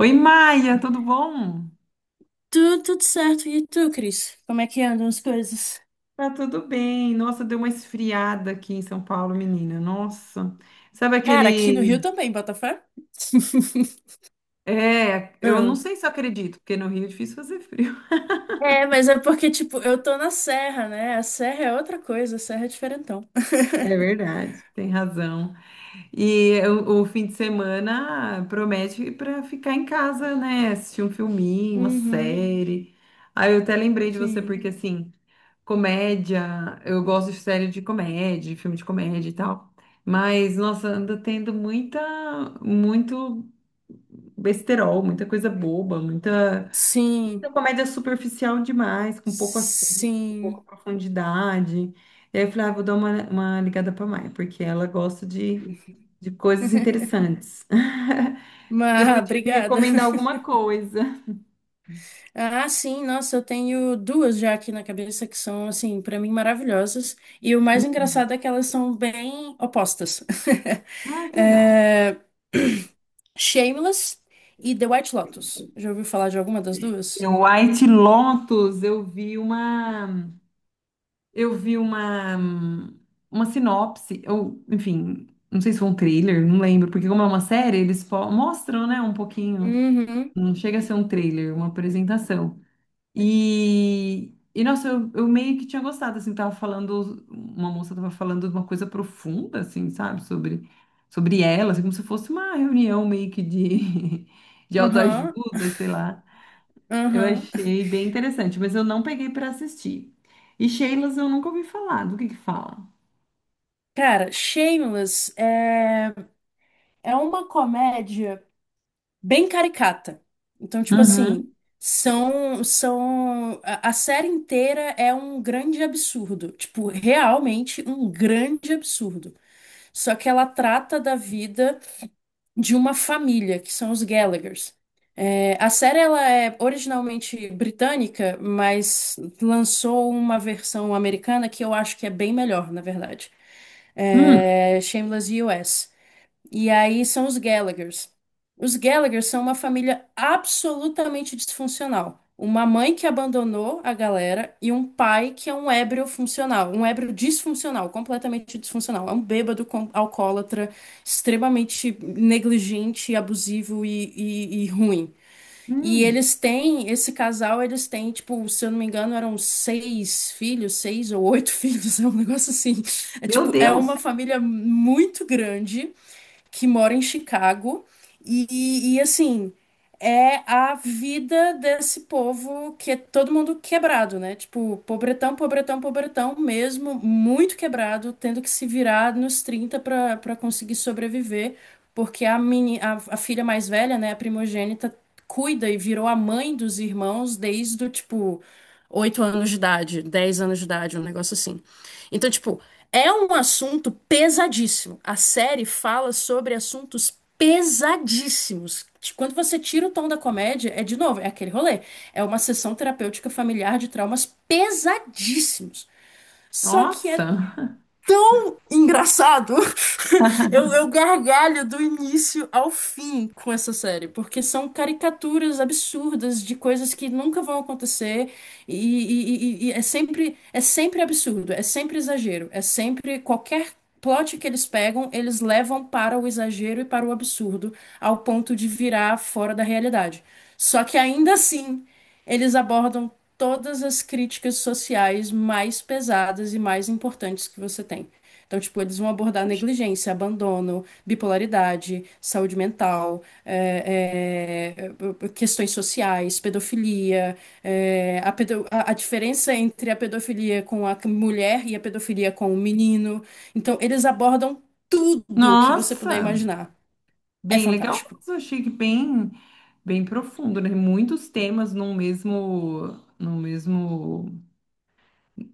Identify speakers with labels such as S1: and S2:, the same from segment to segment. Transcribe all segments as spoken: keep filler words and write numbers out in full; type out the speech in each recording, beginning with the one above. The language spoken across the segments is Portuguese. S1: Oi, Maia, tudo bom?
S2: Tudo, tudo certo. E tu, Cris? Como é que andam as coisas?
S1: Tá tudo bem. Nossa, deu uma esfriada aqui em São Paulo, menina. Nossa. Sabe
S2: Cara, aqui no
S1: aquele.
S2: Rio também, Botafé.
S1: É, eu não
S2: Ah,
S1: sei se eu acredito, porque no Rio é difícil fazer frio.
S2: É, mas é porque, tipo, eu tô na serra, né? A serra é outra coisa, a serra é diferentão.
S1: É verdade. Tem razão. E o, o fim de semana promete para ficar em casa, né? Assistir um filminho, uma
S2: Uhum,
S1: série. Aí eu até lembrei de você,
S2: sim.
S1: porque assim. Comédia, eu gosto de série de comédia, de filme de comédia e tal. Mas, nossa, anda tendo muita, muito besterol, muita coisa boba, muita,
S2: Sim,
S1: muita comédia superficial demais, com pouco assunto, com pouca
S2: sim.
S1: profundidade. E aí eu falei, ah, vou dar uma, uma ligada pra Mai, porque ela gosta de, de coisas interessantes. Você
S2: Mas,
S1: podia me
S2: obrigada.
S1: recomendar alguma coisa?
S2: Ah, sim, nossa, eu tenho duas já aqui na cabeça que são, assim, pra mim maravilhosas. E o mais engraçado é que elas são bem opostas.
S1: Ai, que legal.
S2: É... Shameless e The White Lotus. Já ouviu falar de alguma das duas?
S1: O White Lotus, eu vi uma. Eu vi uma, uma sinopse, ou, enfim, não sei se foi um trailer, não lembro, porque como é uma série, eles fo- mostram, né, um pouquinho,
S2: Uhum.
S1: não chega a ser um trailer, uma apresentação. E, e nossa, eu, eu meio que tinha gostado, assim, tava falando, uma moça tava falando de uma coisa profunda, assim, sabe, sobre, sobre, ela, assim, como se fosse uma reunião meio que de, de
S2: Aham,
S1: autoajuda, sei lá. Eu
S2: aham.
S1: achei bem interessante, mas eu não peguei para assistir. E Sheilas eu nunca ouvi falar. Do que que fala?
S2: Cara, Shameless é, é uma comédia bem caricata. Então, tipo assim,
S1: Uhum.
S2: são, são, a, a série inteira é um grande absurdo. Tipo, realmente um grande absurdo. Só que ela trata da vida de uma família, que são os Gallaghers. É, a série ela é originalmente britânica, mas lançou uma versão americana que eu acho que é bem melhor, na verdade.
S1: Hum.
S2: É Shameless U S. E aí são os Gallaghers. Os Gallaghers são uma família absolutamente disfuncional. Uma mãe que abandonou a galera e um pai que é um ébrio funcional, um ébrio disfuncional, completamente disfuncional. É um bêbado com, alcoólatra, extremamente negligente, abusivo e e- e ruim. E
S1: Hum,
S2: eles têm, esse casal, eles têm, tipo, se eu não me engano, eram seis filhos, seis ou oito filhos, é um negócio assim. É
S1: Meu
S2: tipo, é
S1: Deus!
S2: uma família muito grande que mora em Chicago. E, e assim, é a vida desse povo que é todo mundo quebrado, né? Tipo, pobretão, pobretão, pobretão mesmo, muito quebrado, tendo que se virar nos trinta para para conseguir sobreviver, porque a, meni, a, a filha mais velha, né, a primogênita, cuida e virou a mãe dos irmãos desde o tipo oito anos de idade, dez anos de idade, um negócio assim. Então, tipo, é um assunto pesadíssimo. A série fala sobre assuntos pesadíssimos. Quando você tira o tom da comédia, é de novo, é aquele rolê. É uma sessão terapêutica familiar de traumas pesadíssimos. Só que é
S1: Nossa!
S2: engraçado. Eu, eu gargalho do início ao fim com essa série, porque são caricaturas absurdas de coisas que nunca vão acontecer e, e- e- e é sempre, é sempre absurdo, é sempre exagero, é sempre qualquer plot que eles pegam, eles levam para o exagero e para o absurdo, ao ponto de virar fora da realidade. Só que ainda assim, eles abordam todas as críticas sociais mais pesadas e mais importantes que você tem. Então, tipo, eles vão abordar negligência, abandono, bipolaridade, saúde mental, é, é, é, questões sociais, pedofilia, é, a, pedo- a- a diferença entre a pedofilia com a mulher e a pedofilia com o menino. Então, eles abordam tudo que você puder
S1: Nossa!
S2: imaginar. É
S1: Bem legal mesmo.
S2: fantástico.
S1: Achei que bem, bem profundo, né? Muitos temas num mesmo, no mesmo,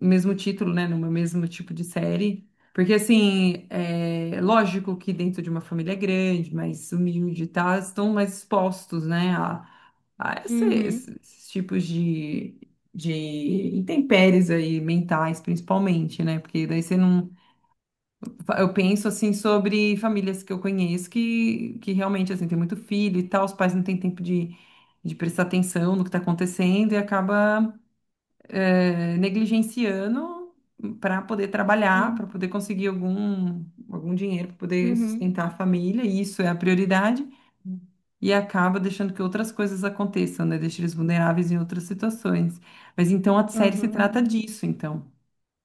S1: mesmo título, né? No mesmo tipo de série. Porque, assim, é lógico que dentro de uma família grande, mais humilde e tal, estão mais expostos, né? A esse-
S2: Uhum,
S1: esse- esses, tipos de, de intempéries aí, mentais, principalmente, né? Porque daí você não. Eu penso assim sobre famílias que eu conheço que, que realmente assim, tem muito filho e tal, os pais não têm tempo de, de prestar atenção no que está acontecendo e acaba eh, negligenciando para poder trabalhar, para
S2: uhum,
S1: poder conseguir algum, algum dinheiro, para poder
S2: uhum,
S1: sustentar a família, e isso é a prioridade, e acaba deixando que outras coisas aconteçam, né? Deixa eles vulneráveis em outras situações. Mas então a série se
S2: uhum.
S1: trata disso, então.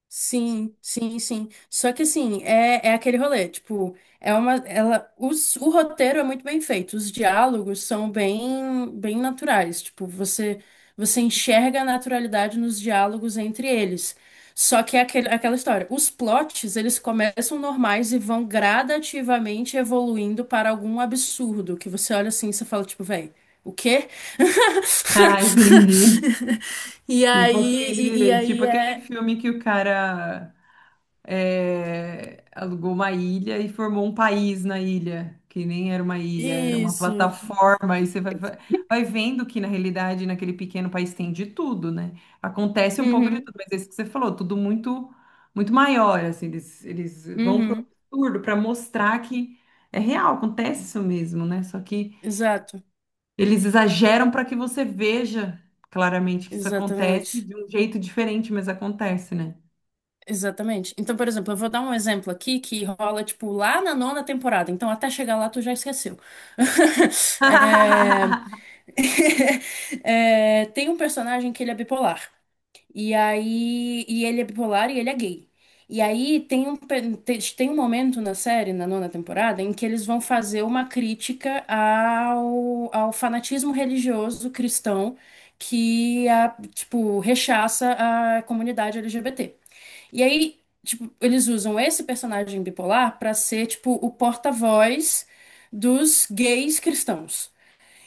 S2: Sim, sim, sim. Só que assim, é, é aquele rolê, tipo, é uma, ela, os, o roteiro é muito bem feito, os diálogos são bem, bem naturais, tipo, você, você enxerga a naturalidade nos diálogos entre eles. Só que é aquele, aquela história, os plots, eles começam normais e vão gradativamente evoluindo para algum absurdo, que você olha assim e você fala, tipo, véi, o quê?
S1: Ah, entendi.
S2: E
S1: Tipo
S2: aí, e, e
S1: aquele, tipo
S2: aí
S1: aquele
S2: é,
S1: filme que o cara é, alugou uma ilha e formou um país na ilha, que nem era uma ilha, era uma
S2: Isso.
S1: plataforma. E você vai, vai vai vendo que, na realidade, naquele pequeno país tem de tudo, né? Acontece um pouco de
S2: Uhum,
S1: tudo, mas é isso que você falou, tudo muito, muito maior, assim, eles, eles vão pro
S2: uhum.
S1: absurdo para mostrar que é real, acontece isso mesmo, né? Só que
S2: Exato,
S1: eles exageram para que você veja claramente que isso acontece
S2: exatamente.
S1: de um jeito diferente, mas acontece, né?
S2: Exatamente. Então, por exemplo, eu vou dar um exemplo aqui que rola, tipo, lá na nona temporada. Então, até chegar lá, tu já esqueceu. É... É, tem um personagem que ele é bipolar. E aí, e ele é bipolar e ele é gay. E aí tem um, pe- te- tem um momento na série, na nona temporada, em que eles vão fazer uma crítica ao, ao fanatismo religioso cristão que a, tipo, rechaça a comunidade L G B T. E aí, tipo, eles usam esse personagem bipolar pra ser, tipo, o porta-voz dos gays cristãos.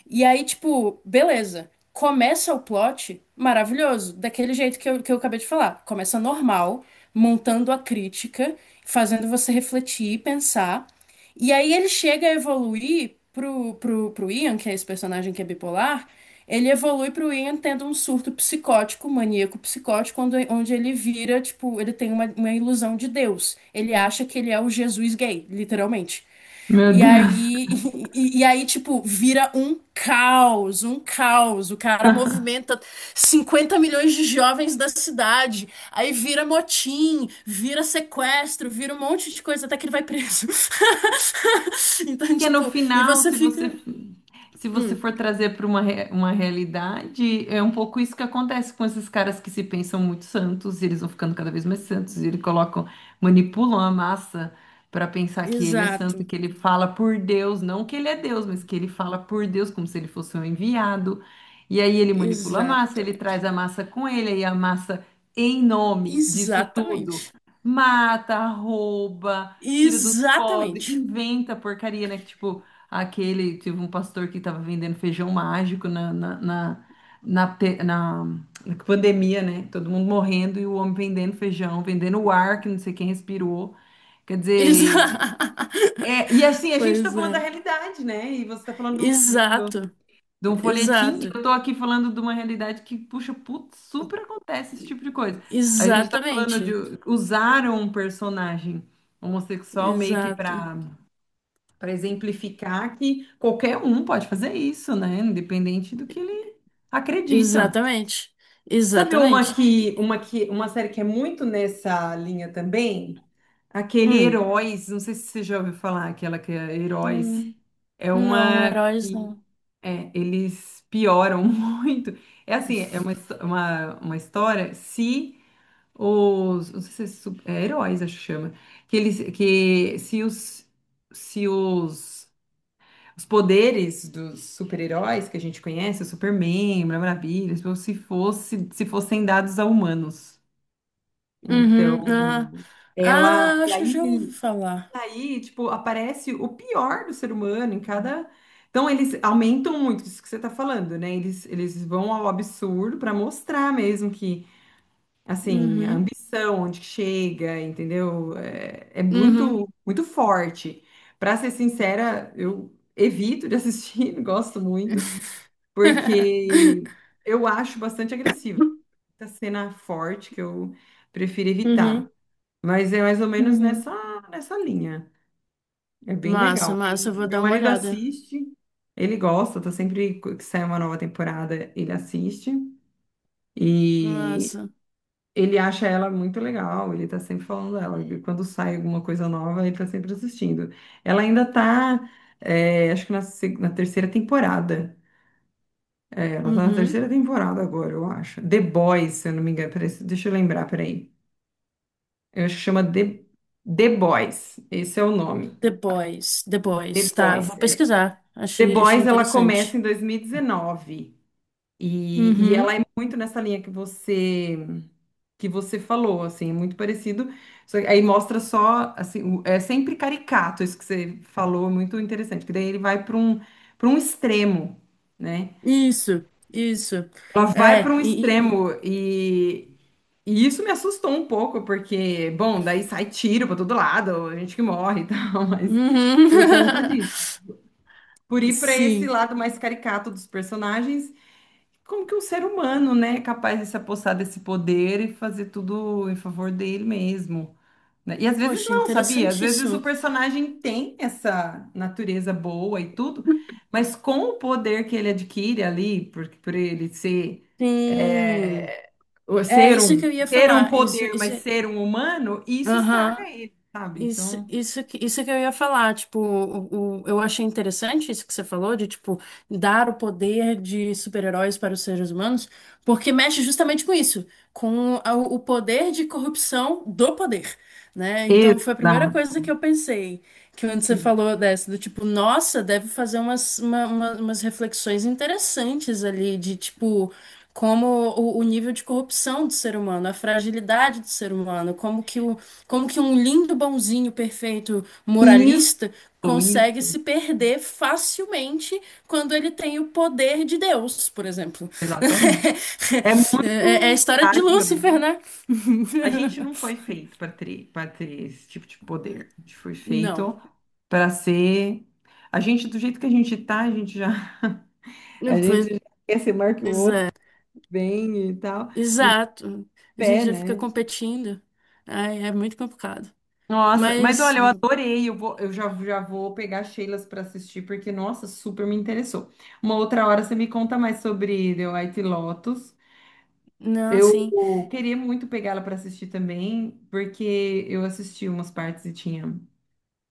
S2: E aí, tipo, beleza. Começa o plot maravilhoso, daquele jeito que eu, que eu acabei de falar. Começa normal, montando a crítica, fazendo você refletir e pensar. E aí ele chega a evoluir pro, pro, pro Ian, que é esse personagem que é bipolar. Ele evolui pro Ian tendo um surto psicótico, maníaco psicótico, onde, onde ele vira, tipo, ele tem uma, uma ilusão de Deus. Ele acha que ele é o Jesus gay, literalmente.
S1: Meu
S2: E
S1: Deus.
S2: aí, e, e aí, tipo, vira um caos, um caos. O cara movimenta cinquenta milhões de jovens da cidade. Aí vira motim, vira sequestro, vira um monte de coisa até que ele vai preso. Então,
S1: Porque no
S2: tipo, e
S1: final,
S2: você
S1: se você
S2: fica.
S1: se você
S2: Hum,
S1: for trazer para uma, re- uma realidade, é um pouco isso que acontece com esses caras que se pensam muito santos, e eles vão ficando cada vez mais santos, e eles colocam, manipulam a massa para pensar que ele é santo,
S2: exato,
S1: que ele fala por Deus, não que ele é Deus, mas que ele fala por Deus como se ele fosse um enviado. E aí ele manipula a massa, ele
S2: exatamente.
S1: traz a massa com ele, e a massa, em nome disso tudo,
S2: Exatamente.
S1: mata, rouba tira dos pobres,
S2: Exatamente.
S1: inventa porcaria, né? Que, tipo, aquele, teve um pastor que tava vendendo feijão mágico na, na, na, na, pe- na- na pandemia, né? Todo mundo morrendo e o homem vendendo feijão, vendendo o ar que não sei quem respirou. Quer
S2: Exa...
S1: dizer, é, e assim, a gente tá
S2: Pois
S1: falando da
S2: é.
S1: realidade, né? E você tá falando do filme, do-
S2: Exato,
S1: de um folhetim, e
S2: exato.
S1: eu tô aqui falando de uma realidade que, puxa, putz, super acontece esse tipo de coisa. A gente tá falando de
S2: Exatamente.
S1: usar um personagem homossexual meio que
S2: Exato.
S1: para para exemplificar que qualquer um pode fazer isso, né? Independente do que ele acredita.
S2: Exatamente.
S1: Sabe uma
S2: Exatamente.
S1: que, uma que, uma série que é muito nessa linha também? Aquele
S2: Hum.
S1: Heróis, não sei se você já ouviu falar, aquela que é Heróis.
S2: Hum.
S1: É
S2: Não,
S1: uma
S2: heróis
S1: que
S2: não.
S1: é, eles pioram muito. É assim, é uma, histó- uma, uma história se os, não sei se é, su- é heróis, acho que chama, que eles que se os se os os poderes dos super-heróis que a gente conhece, o Superman, Mulher Maravilha, tipo, se fosse, se fossem dados a humanos.
S2: Uhum. Ah,
S1: Então, ela.
S2: ah,
S1: E
S2: acho que eu
S1: aí,
S2: já ouvi
S1: e
S2: falar.
S1: aí, tipo, aparece o pior do ser humano em cada. Então, eles, aumentam muito isso que você está falando, né? Eles, eles vão ao absurdo para mostrar mesmo que. Assim, a
S2: Uhum.
S1: ambição, onde que chega, entendeu? É, é
S2: Uhum.
S1: muito, muito forte. Pra ser sincera, eu evito de assistir, não gosto muito, porque eu acho bastante agressivo. Muita cena forte que eu prefiro evitar.
S2: Uhum.
S1: Mas é mais ou menos
S2: Uhum.
S1: nessa, nessa linha. É bem
S2: Massa,
S1: legal.
S2: massa, eu
S1: bem-
S2: vou
S1: Meu
S2: dar uma
S1: marido
S2: olhada.
S1: assiste, ele gosta, tá sempre que sai uma nova temporada, ele assiste. E
S2: Massa.
S1: ele acha ela muito legal, ele tá sempre falando dela. E quando sai alguma coisa nova, ele tá sempre assistindo. Ela ainda tá, é, acho que na, seg- na terceira temporada. É, ela tá na
S2: Uhum.
S1: terceira temporada agora, eu acho. The Boys, se eu não me engano. Peraí, deixa eu lembrar, peraí. Eu acho que chama The, The Boys. Esse é o nome.
S2: Depois,
S1: The
S2: depois, tá, eu
S1: Boys.
S2: vou
S1: É.
S2: pesquisar.
S1: The
S2: Achei, achei
S1: Boys, ela começa
S2: interessante.
S1: em dois mil e dezenove. E, e ela
S2: Uhum.
S1: é muito nessa linha que você que você falou, assim, é muito parecido. Só que aí mostra só, assim, o- é sempre caricato isso que você falou, muito interessante, que daí ele vai para um para um extremo, né?
S2: Isso, isso.
S1: Ela vai para
S2: É,
S1: um
S2: e,
S1: extremo e, e isso me assustou um pouco, porque, bom, daí sai tiro para todo lado, a gente que morre e tal, mas
S2: Uhum.
S1: por conta disso. Por ir para esse
S2: Sim.
S1: lado mais caricato dos personagens. Como que um ser humano, né, é capaz de se apossar desse poder e fazer tudo em favor dele mesmo, né? E às vezes
S2: Poxa,
S1: não, sabia? Às vezes o
S2: interessantíssimo.
S1: personagem tem essa natureza boa e tudo, mas com o poder que ele adquire ali, por, por ele ser,
S2: Sim.
S1: é, o-
S2: É
S1: ser
S2: isso que
S1: um,
S2: eu ia
S1: ter um
S2: falar. Isso,
S1: poder,
S2: isso.
S1: mas
S2: é,
S1: ser um humano, isso estraga
S2: Aham.
S1: ele, sabe?
S2: Isso,
S1: Então,
S2: isso, que- isso que eu ia falar, tipo, o, o- eu achei interessante isso que você falou, de, tipo, dar o poder de super-heróis para os seres humanos, porque mexe justamente com isso, com a- o poder de corrupção do poder, né? Então, foi a primeira
S1: exato.
S2: coisa que eu pensei, que quando você falou dessa, do tipo, nossa, deve fazer umas, uma- uma- umas reflexões interessantes ali, de, tipo... Como o, o nível de corrupção do ser humano, a fragilidade do ser humano, como que o, como que um lindo, bonzinho, perfeito
S1: Isso,
S2: moralista
S1: isso,
S2: consegue se perder facilmente quando ele tem o poder de Deus, por exemplo?
S1: exatamente. É
S2: É é a
S1: muito
S2: história de
S1: frágil.
S2: Lúcifer, né?
S1: A gente não foi feito para ter, para ter esse tipo de poder. A gente foi
S2: Não.
S1: feito para ser. A gente, do jeito que a gente tá, a gente já, a
S2: Pois
S1: gente já quer ser maior que o outro,
S2: é,
S1: bem e tal. E
S2: exato. A gente
S1: pé,
S2: já fica
S1: né?
S2: competindo. Ai, é muito complicado.
S1: Nossa, mas
S2: Mas,
S1: olha, eu adorei. Eu vou, eu já, já vou pegar Sheilas para assistir, porque, nossa, super me interessou. Uma outra hora você me conta mais sobre The White Lotus.
S2: não, assim.
S1: Eu queria muito pegá-la para assistir também, porque eu assisti umas partes e tinha.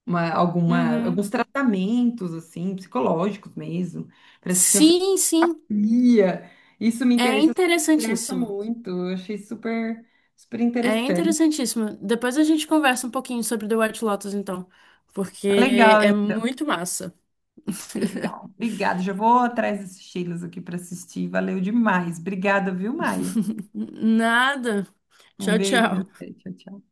S1: uma, alguma,
S2: Uhum.
S1: alguns tratamentos, assim, psicológicos mesmo. Parece que tinha
S2: Sim, sim.
S1: terapia. Isso me
S2: É
S1: interessa, isso me interessa
S2: interessantíssimo.
S1: muito. Eu achei super, super
S2: É
S1: interessante.
S2: interessantíssimo. Depois a gente conversa um pouquinho sobre The White Lotus, então,
S1: Tá
S2: porque
S1: legal,
S2: é
S1: hein?
S2: muito massa.
S1: Que legal. Obrigada. Já vou atrás desses estilos aqui para assistir. Valeu demais. Obrigada, viu, Maia?
S2: Nada.
S1: Um
S2: Tchau,
S1: beijo.
S2: tchau.
S1: Tchau, tchau.